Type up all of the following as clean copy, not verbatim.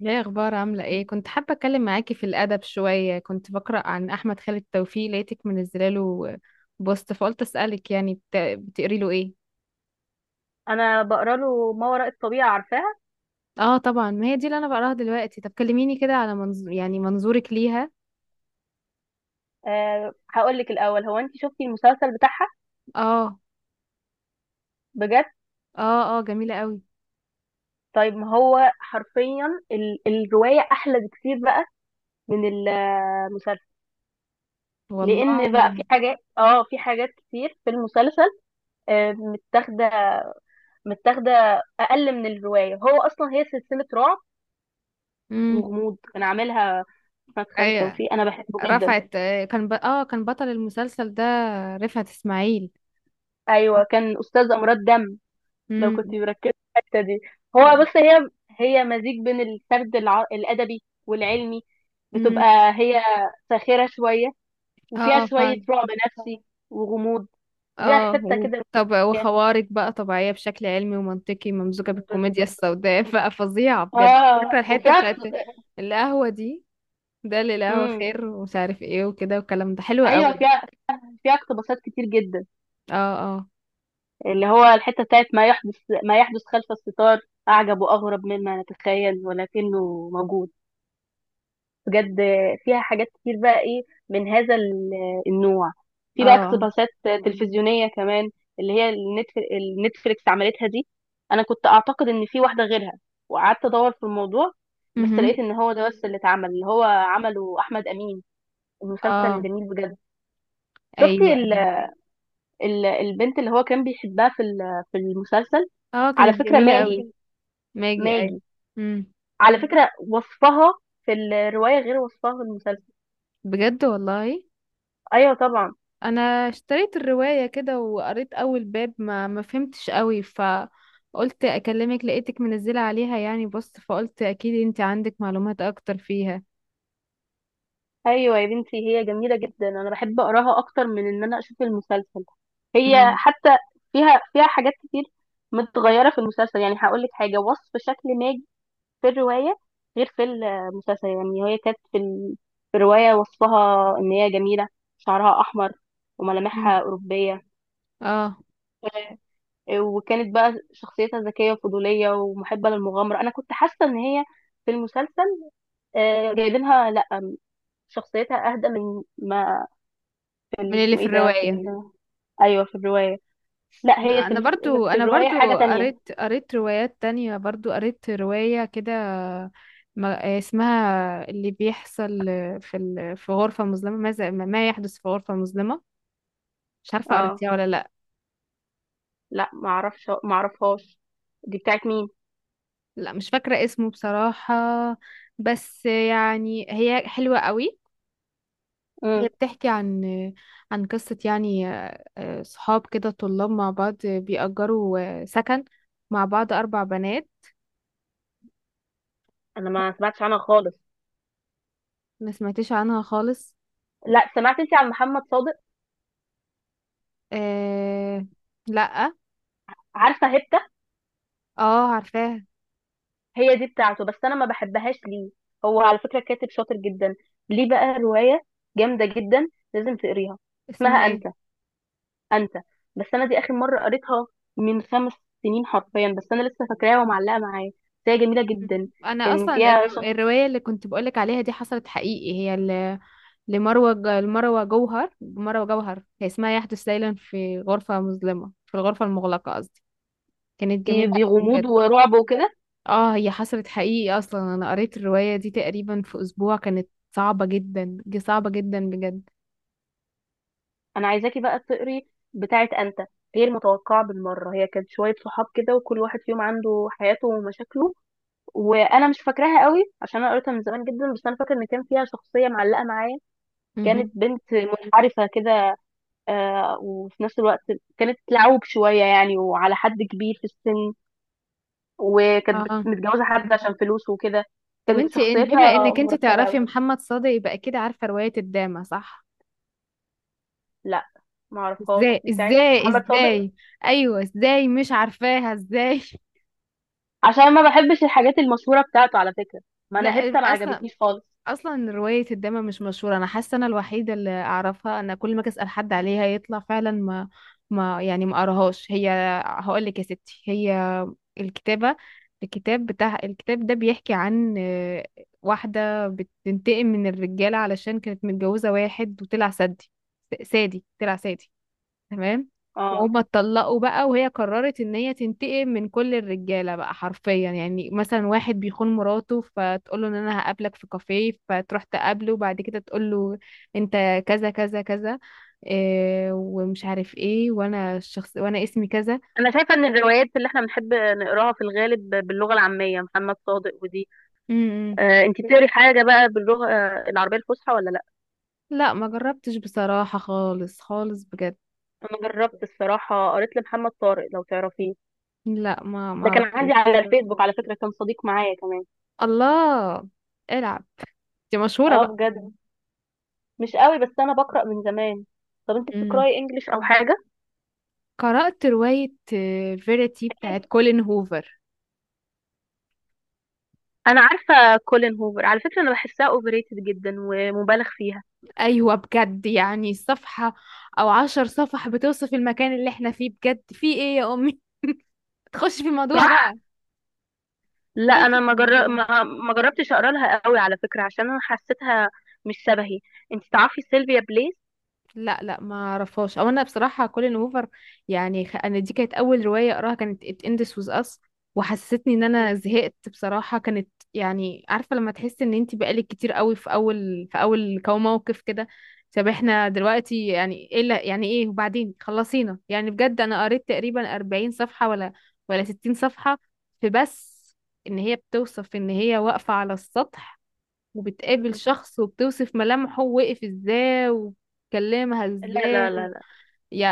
يا اخبار، عامله ايه؟ كنت حابه اتكلم معاكي في الادب شويه. كنت بقرا عن احمد خالد توفيق لقيتك منزله له بوست، فقلت اسالك، يعني بتقري له ايه؟ انا بقرا له ما وراء الطبيعه، عارفاها. اه، طبعا، ما هي دي اللي انا بقراها دلوقتي. طب كلميني كده على منظورك ليها. أه، هقول لك الاول، هو انت شفتي المسلسل بتاعها؟ اه، بجد؟ اه، اه، جميله قوي. طيب، ما هو حرفيا الروايه احلى بكتير بقى من المسلسل. والله. لان بقى في حاجات، في حاجات كتير في المسلسل أه متاخده، متاخده اقل من الروايه. هو اصلا هي سلسله رعب امم. وغموض، كان عاملها احمد خالد ايوه. توفيق. انا بحبه جدا. رفعت، كان ب... اه كان بطل المسلسل ده، رفعت اسماعيل. ايوه، كان استاذ امراض دم لو امم، كنت مركزة في الحتة دي. هو بص، هي مزيج بين الأدبي والعلمي. امم. بتبقى هي ساخرة شوية، وفيها اه، شوية فعلا. رعب نفسي وغموض. وفيها حتة كده، طب، وخوارق بقى طبيعية بشكل علمي ومنطقي، ممزوجة بالكوميديا بالظبط. السوداء بقى فظيعة بجد. فاكرة اه الحتة وفيها بتاعت اقت- القهوة دي؟ ده اللي القهوة امم، خير ومش عارف ايه وكده، والكلام ده حلو ايوه قوي. فيها اقتباسات كتير جدا، اه، اه، اللي هو الحته بتاعت ما يحدث خلف الستار، اعجب واغرب مما نتخيل ولكنه موجود. بجد، فيها حاجات كتير بقى ايه من هذا النوع. اه، في بقى اه. اقتباسات تلفزيونية كمان، اللي هي النتف- النتفليكس عملتها دي. انا كنت اعتقد ان في واحدة غيرها وقعدت ادور في الموضوع، بس مهم. لقيت ان هو ده بس اللي اتعمل، اللي هو عمله احمد امين. المسلسل اه. جميل بجد. شفتي ايوه، ال ايوه. ال البنت اللي هو كان بيحبها في في المسلسل؟ اه، على كانت فكرة جميلة قوي. ماجي. ماجي، ايوه. ماجي، امم. على فكرة وصفها في الرواية غير وصفها في المسلسل. بجد والله. ايوه طبعا. انا اشتريت الرواية كده وقريت اول باب، ما فهمتش قوي، فقلت اكلمك. لقيتك منزلة عليها يعني، بص، فقلت اكيد انت عندك معلومات اكتر فيها. ايوه يا بنتي، هي جميله جدا. انا بحب اقراها اكتر من ان انا اشوف المسلسل. هي امم، حتى فيها حاجات كتير متغيره في المسلسل. يعني هقول لك حاجه، وصف شكل ماجي في الروايه غير في المسلسل. يعني هي كانت في الروايه وصفها ان هي جميله، شعرها احمر، امم. وملامحها اوروبيه. اه، وكانت بقى شخصيتها ذكيه وفضوليه ومحبه للمغامره. انا كنت حاسه ان هي في المسلسل، آه، جايبينها، لا، شخصيتها اهدى من ما في ال- من اللي اسمه في ايه ده في الرواية. ال... ايوه في الروايه. لا هي انا برضو في انا الروايه حاجه برضو تانية. قريت روايات تانية، برضو قريت رواية كده. اسمها اللي بيحصل في في غرفة مظلمة. ماذا، ما يحدث في غرفة مظلمة. مش عارفة اه، قريتيها ولا لا. لا ما اعرفش، ما اعرفهاش. دي بتاعت مين؟ لا، مش فاكرة اسمه بصراحة، بس يعني هي حلوة قوي. هي امم، بتحكي عن قصة، يعني صحاب كده، طلاب مع بعض بيأجروا سكن مع بعض، أربع بنات. انا ما سمعتش عنها خالص. ما سمعتش عنها خالص. لا، سمعت انت عن محمد صادق؟ آه، لأ. عارفه هبته؟ اه، عارفاها. هي دي بتاعته، بس انا ما بحبهاش. ليه؟ هو على فكره كاتب شاطر جدا. ليه بقى روايه جامده جدا، لازم تقريها. اسمها اسمها انت. ايه؟ انت. بس انا دي اخر مره قريتها من 5 سنين حرفيا، بس انا لسه فاكراها ومعلقه معايا. بس هي جميله جدا. أنا كان أصلا فيها شخص. الرواية اللي كنت بقولك عليها دي حصلت حقيقي، هي لمروة جوهر. مروة جوهر هي اسمها، يحدث ليلا في غرفة مظلمة، في الغرفة المغلقة قصدي. كانت دي جميلة أوي بغموض بجد. ورعب وكده. اه، هي حصلت حقيقي اصلا. انا قريت الرواية دي تقريبا في اسبوع، كانت صعبة جدا، صعبة جدا بجد. انا عايزاكي بقى تقري بتاعت انت، غير متوقعة بالمرة. هي كانت شوية صحاب كده، وكل واحد فيهم عنده حياته ومشاكله، وانا مش فاكراها قوي عشان انا قريتها من زمان جدا. بس انا فاكر ان كان فيها شخصية معلقة معايا، مهم. كانت بنت منحرفة كده، آه، وفي نفس الوقت كانت لعوب شوية يعني، وعلى حد كبير في السن. وكانت اه. متجوزة حد عشان فلوسه وكده. طب كانت انت بما شخصيتها انك انت مرتبة تعرفي قوي. محمد صادق، يبقى اكيد عارفة رواية الدامة، صح؟ لا، معرفهاش ازاي، دي بتاعت ازاي، محمد صادق. ازاي، ايوه ازاي مش عارفاها، ازاي عشان ما بحبش الحاجات المشهورة بتاعته على فكرة. ما لا، انا هبت ما اصلا عجبتنيش خالص. اصلا روايه الدمى مش مشهوره، انا حاسه انا الوحيده اللي اعرفها. انا كل ما أجي اسال حد عليها يطلع فعلا ما قراهاش. هي، هقول لك يا ستي، هي الكتابه الكتاب ده بيحكي عن، واحده بتنتقم من الرجاله، علشان كانت متجوزه واحد وطلع سادي، طلع سادي، تمام. اه، وهما اتطلقوا بقى، وهي قررت ان هي تنتقم من كل الرجاله بقى حرفيا. يعني مثلا، واحد بيخون مراته فتقول له ان انا هقابلك في كافيه، فتروح تقابله، وبعد كده تقول له انت كذا كذا كذا، إيه ومش عارف ايه، وانا الشخص، وانا اسمي كذا. انا شايفه ان الروايات اللي احنا بنحب نقراها في الغالب باللغه العاميه. محمد صادق ودي. امم. آه، انت بتقري حاجه بقى باللغه، آه، العربيه الفصحى ولا لا؟ لا، ما جربتش بصراحه، خالص خالص بجد. انا جربت الصراحه، قريت لمحمد طارق، لو تعرفيه. لا، ما ده كان عندي اعرفوش. على الفيسبوك على فكره، كان صديق معايا كمان. الله، العب. دي مشهوره اه بقى. بجد، مش قوي، بس انا بقرأ من زمان. طب انت امم. بتقرأي انجليش او حاجة؟ قرأت رواية فيريتي اكيد. بتاعت كولين هوفر. انا عارفه كولين هوفر على فكره، انا بحسها اوفر ريتد جدا ومبالغ فيها. ايوه، بجد. يعني صفحة او عشر صفح بتوصف المكان اللي احنا فيه، بجد في ايه يا امي تخش في الموضوع صح. بقى. لا تخش انا في ما جر... الموضوع. ما... ما جربتش اقرا لها قوي على فكره، عشان انا حسيتها مش شبهي. انت تعرفي سيلفيا بليس؟ لا لا، ما اعرفهاش. او انا بصراحه كولين هوفر يعني، انا دي كانت اول روايه اقراها، كانت It Ends With Us، وحسستني ان انا مم. زهقت بصراحه. كانت يعني، عارفه لما تحس ان انت بقالك كتير قوي في اول، موقف كده؟ طب احنا دلوقتي يعني ايه يعني ايه وبعدين؟ خلصينا يعني بجد. انا قريت تقريبا 40 صفحه ولا 60 صفحه. في بس ان هي بتوصف ان هي واقفه على السطح، وبتقابل مم. شخص، وبتوصف ملامحه، وقف ازاي، وكلمها لا ازاي، لا لا لا،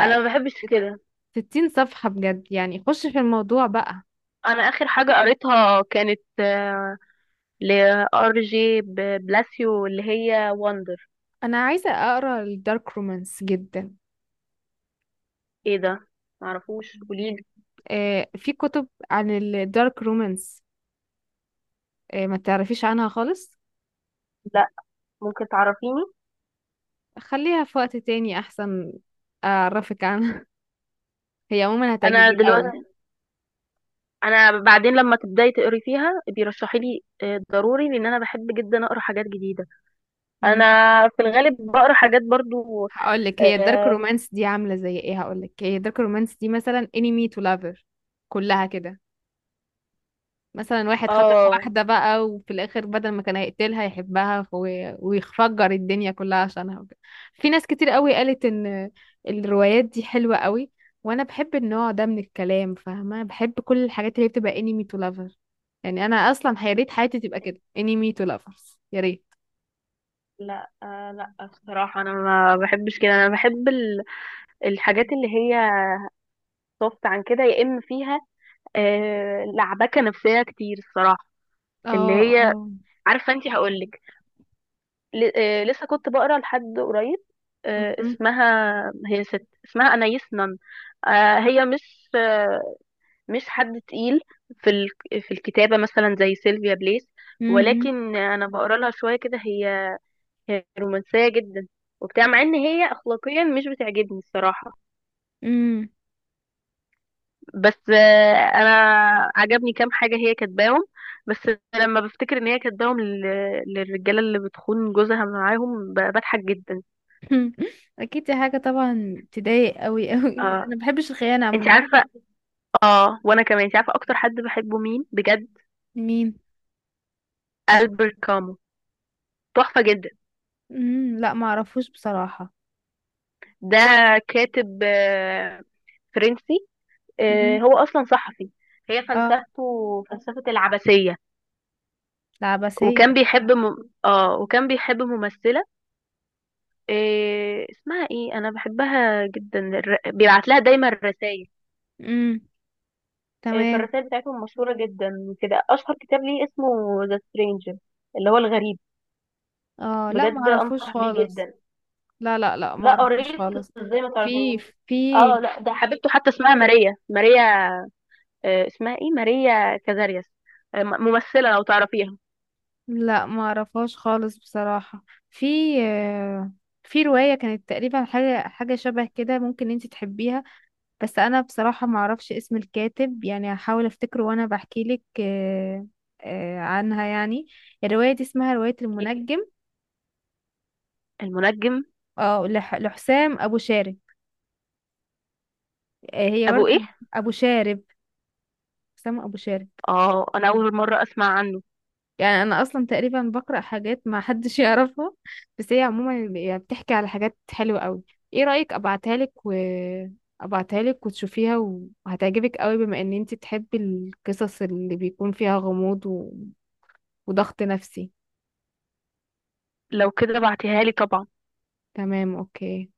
انا ما بحبش كده. 60 صفحة، بجد يعني خش في الموضوع بقى. انا اخر حاجه قريتها كانت لار جي بلاسيو، اللي هي وندر. انا عايزة اقرا الدارك رومانس جدا. ايه ده؟ معرفوش، قوليلي. آه، في كتب عن الدارك رومانس. آه، ما تعرفيش عنها خالص؟ لا، ممكن تعرفيني. خليها في وقت تاني احسن اعرفك عنها هي عموما انا هتعجبك قوي. دلوقتي، انا بعدين لما تبداي تقري فيها بيرشحي لي، آه، ضروري، لان انا بحب جدا اقرا حاجات جديده. انا مم. في الغالب بقرا حاجات برضو. هقولك هي الدارك اه. رومانس دي عاملة زي ايه، هقولك هي الدارك رومانس دي مثلا انمي تو لافر، كلها كده. مثلا واحد خطف آه واحدة بقى، وفي الآخر بدل ما كان هيقتلها يحبها، ويفجر الدنيا كلها عشانها وكده. في ناس كتير قوي قالت إن الروايات دي حلوة قوي، وأنا بحب النوع ده من الكلام، فاهمة، بحب كل الحاجات اللي هي بتبقى انمي تو لافر. يعني أنا أصلا يا ريت حياتي تبقى كده، انمي تو لافرز يا ريت. لا. آه لا بصراحه، انا ما بحبش كده. انا بحب الحاجات اللي هي صفت عن كده، يا اما فيها، آه، لعبكه نفسيه كتير الصراحه. اللي اه، هي، اه، عارفه انت، هقول لك، آه، لسه كنت بقرا لحد قريب، آه، م- اسمها، هي ست اسمها انايس نن. آه هي مش، مش حد تقيل في في الكتابة مثلا زي سيلفيا بليس، امم، ولكن أنا بقرا لها شوية كده. هي رومانسية جدا وبتاع، مع إن هي أخلاقيا مش بتعجبني الصراحة. امم بس آه، أنا عجبني كام حاجة هي كاتباهم. بس لما بفتكر إن هي كاتباهم للرجالة اللي بتخون جوزها معاهم، بضحك جدا. اكيد دي حاجه طبعا تضايق قوي قوي، انا ما اه، بحبش الخيانه انت عموما. عارفة. اه، وأنا كمان، انت عارفة أكتر حد بحبه مين بجد؟ مين؟ ألبert كامو. تحفة جدا. امم، لا، ما اعرفوش بصراحه. ده كاتب، آه، فرنسي، آه، امم. هو اصلا صحفي. هي اه، فلسفته فلسفة العبثية. العباسية. وكان اه، وكان بيحب ممثلة، إيه اسمها ايه، انا بحبها جدا. بيبعت لها دايما رسائل. امم. إيه، تمام. فالرسائل بتاعتهم مشهورة جدا كده. اشهر كتاب ليه اسمه ذا سترينجر، اللي هو الغريب. اه، لا، ما بجد اعرفوش انصح بيه خالص. جدا. لا لا لا، ما لا اعرفوش قريت. خالص. ازاي ما في تعرفيهوش؟ في اه لا، ده حبيبته حتى اسمها ماريا، ماريا، آه اسمها ايه، ماريا كازارياس، آه، ممثلة، لو تعرفيها. لا، ما اعرفهاش خالص بصراحة. في آه، في رواية كانت تقريبا حاجة، حاجة شبه كده، ممكن انت تحبيها. بس انا بصراحة ما اعرفش اسم الكاتب، يعني هحاول افتكره وانا بحكي لك، عنها يعني. الرواية دي اسمها رواية المنجم. المنجم. اه، لحسام ابو شارب. هي ابو برضو. ايه؟ ابو شارب، اسامة ابو شارك. اه، انا اول مرة اسمع عنه. يعني انا اصلا تقريبا بقرا حاجات ما حدش يعرفها. بس هي عموما يعني بتحكي على حاجات حلوه قوي. ايه رايك ابعتها لك، و ابعتها لك وتشوفيها، وهتعجبك قوي بما ان انت تحبي القصص اللي بيكون فيها غموض وضغط نفسي. لو كده بعتيها لي طبعا. تمام، اوكي.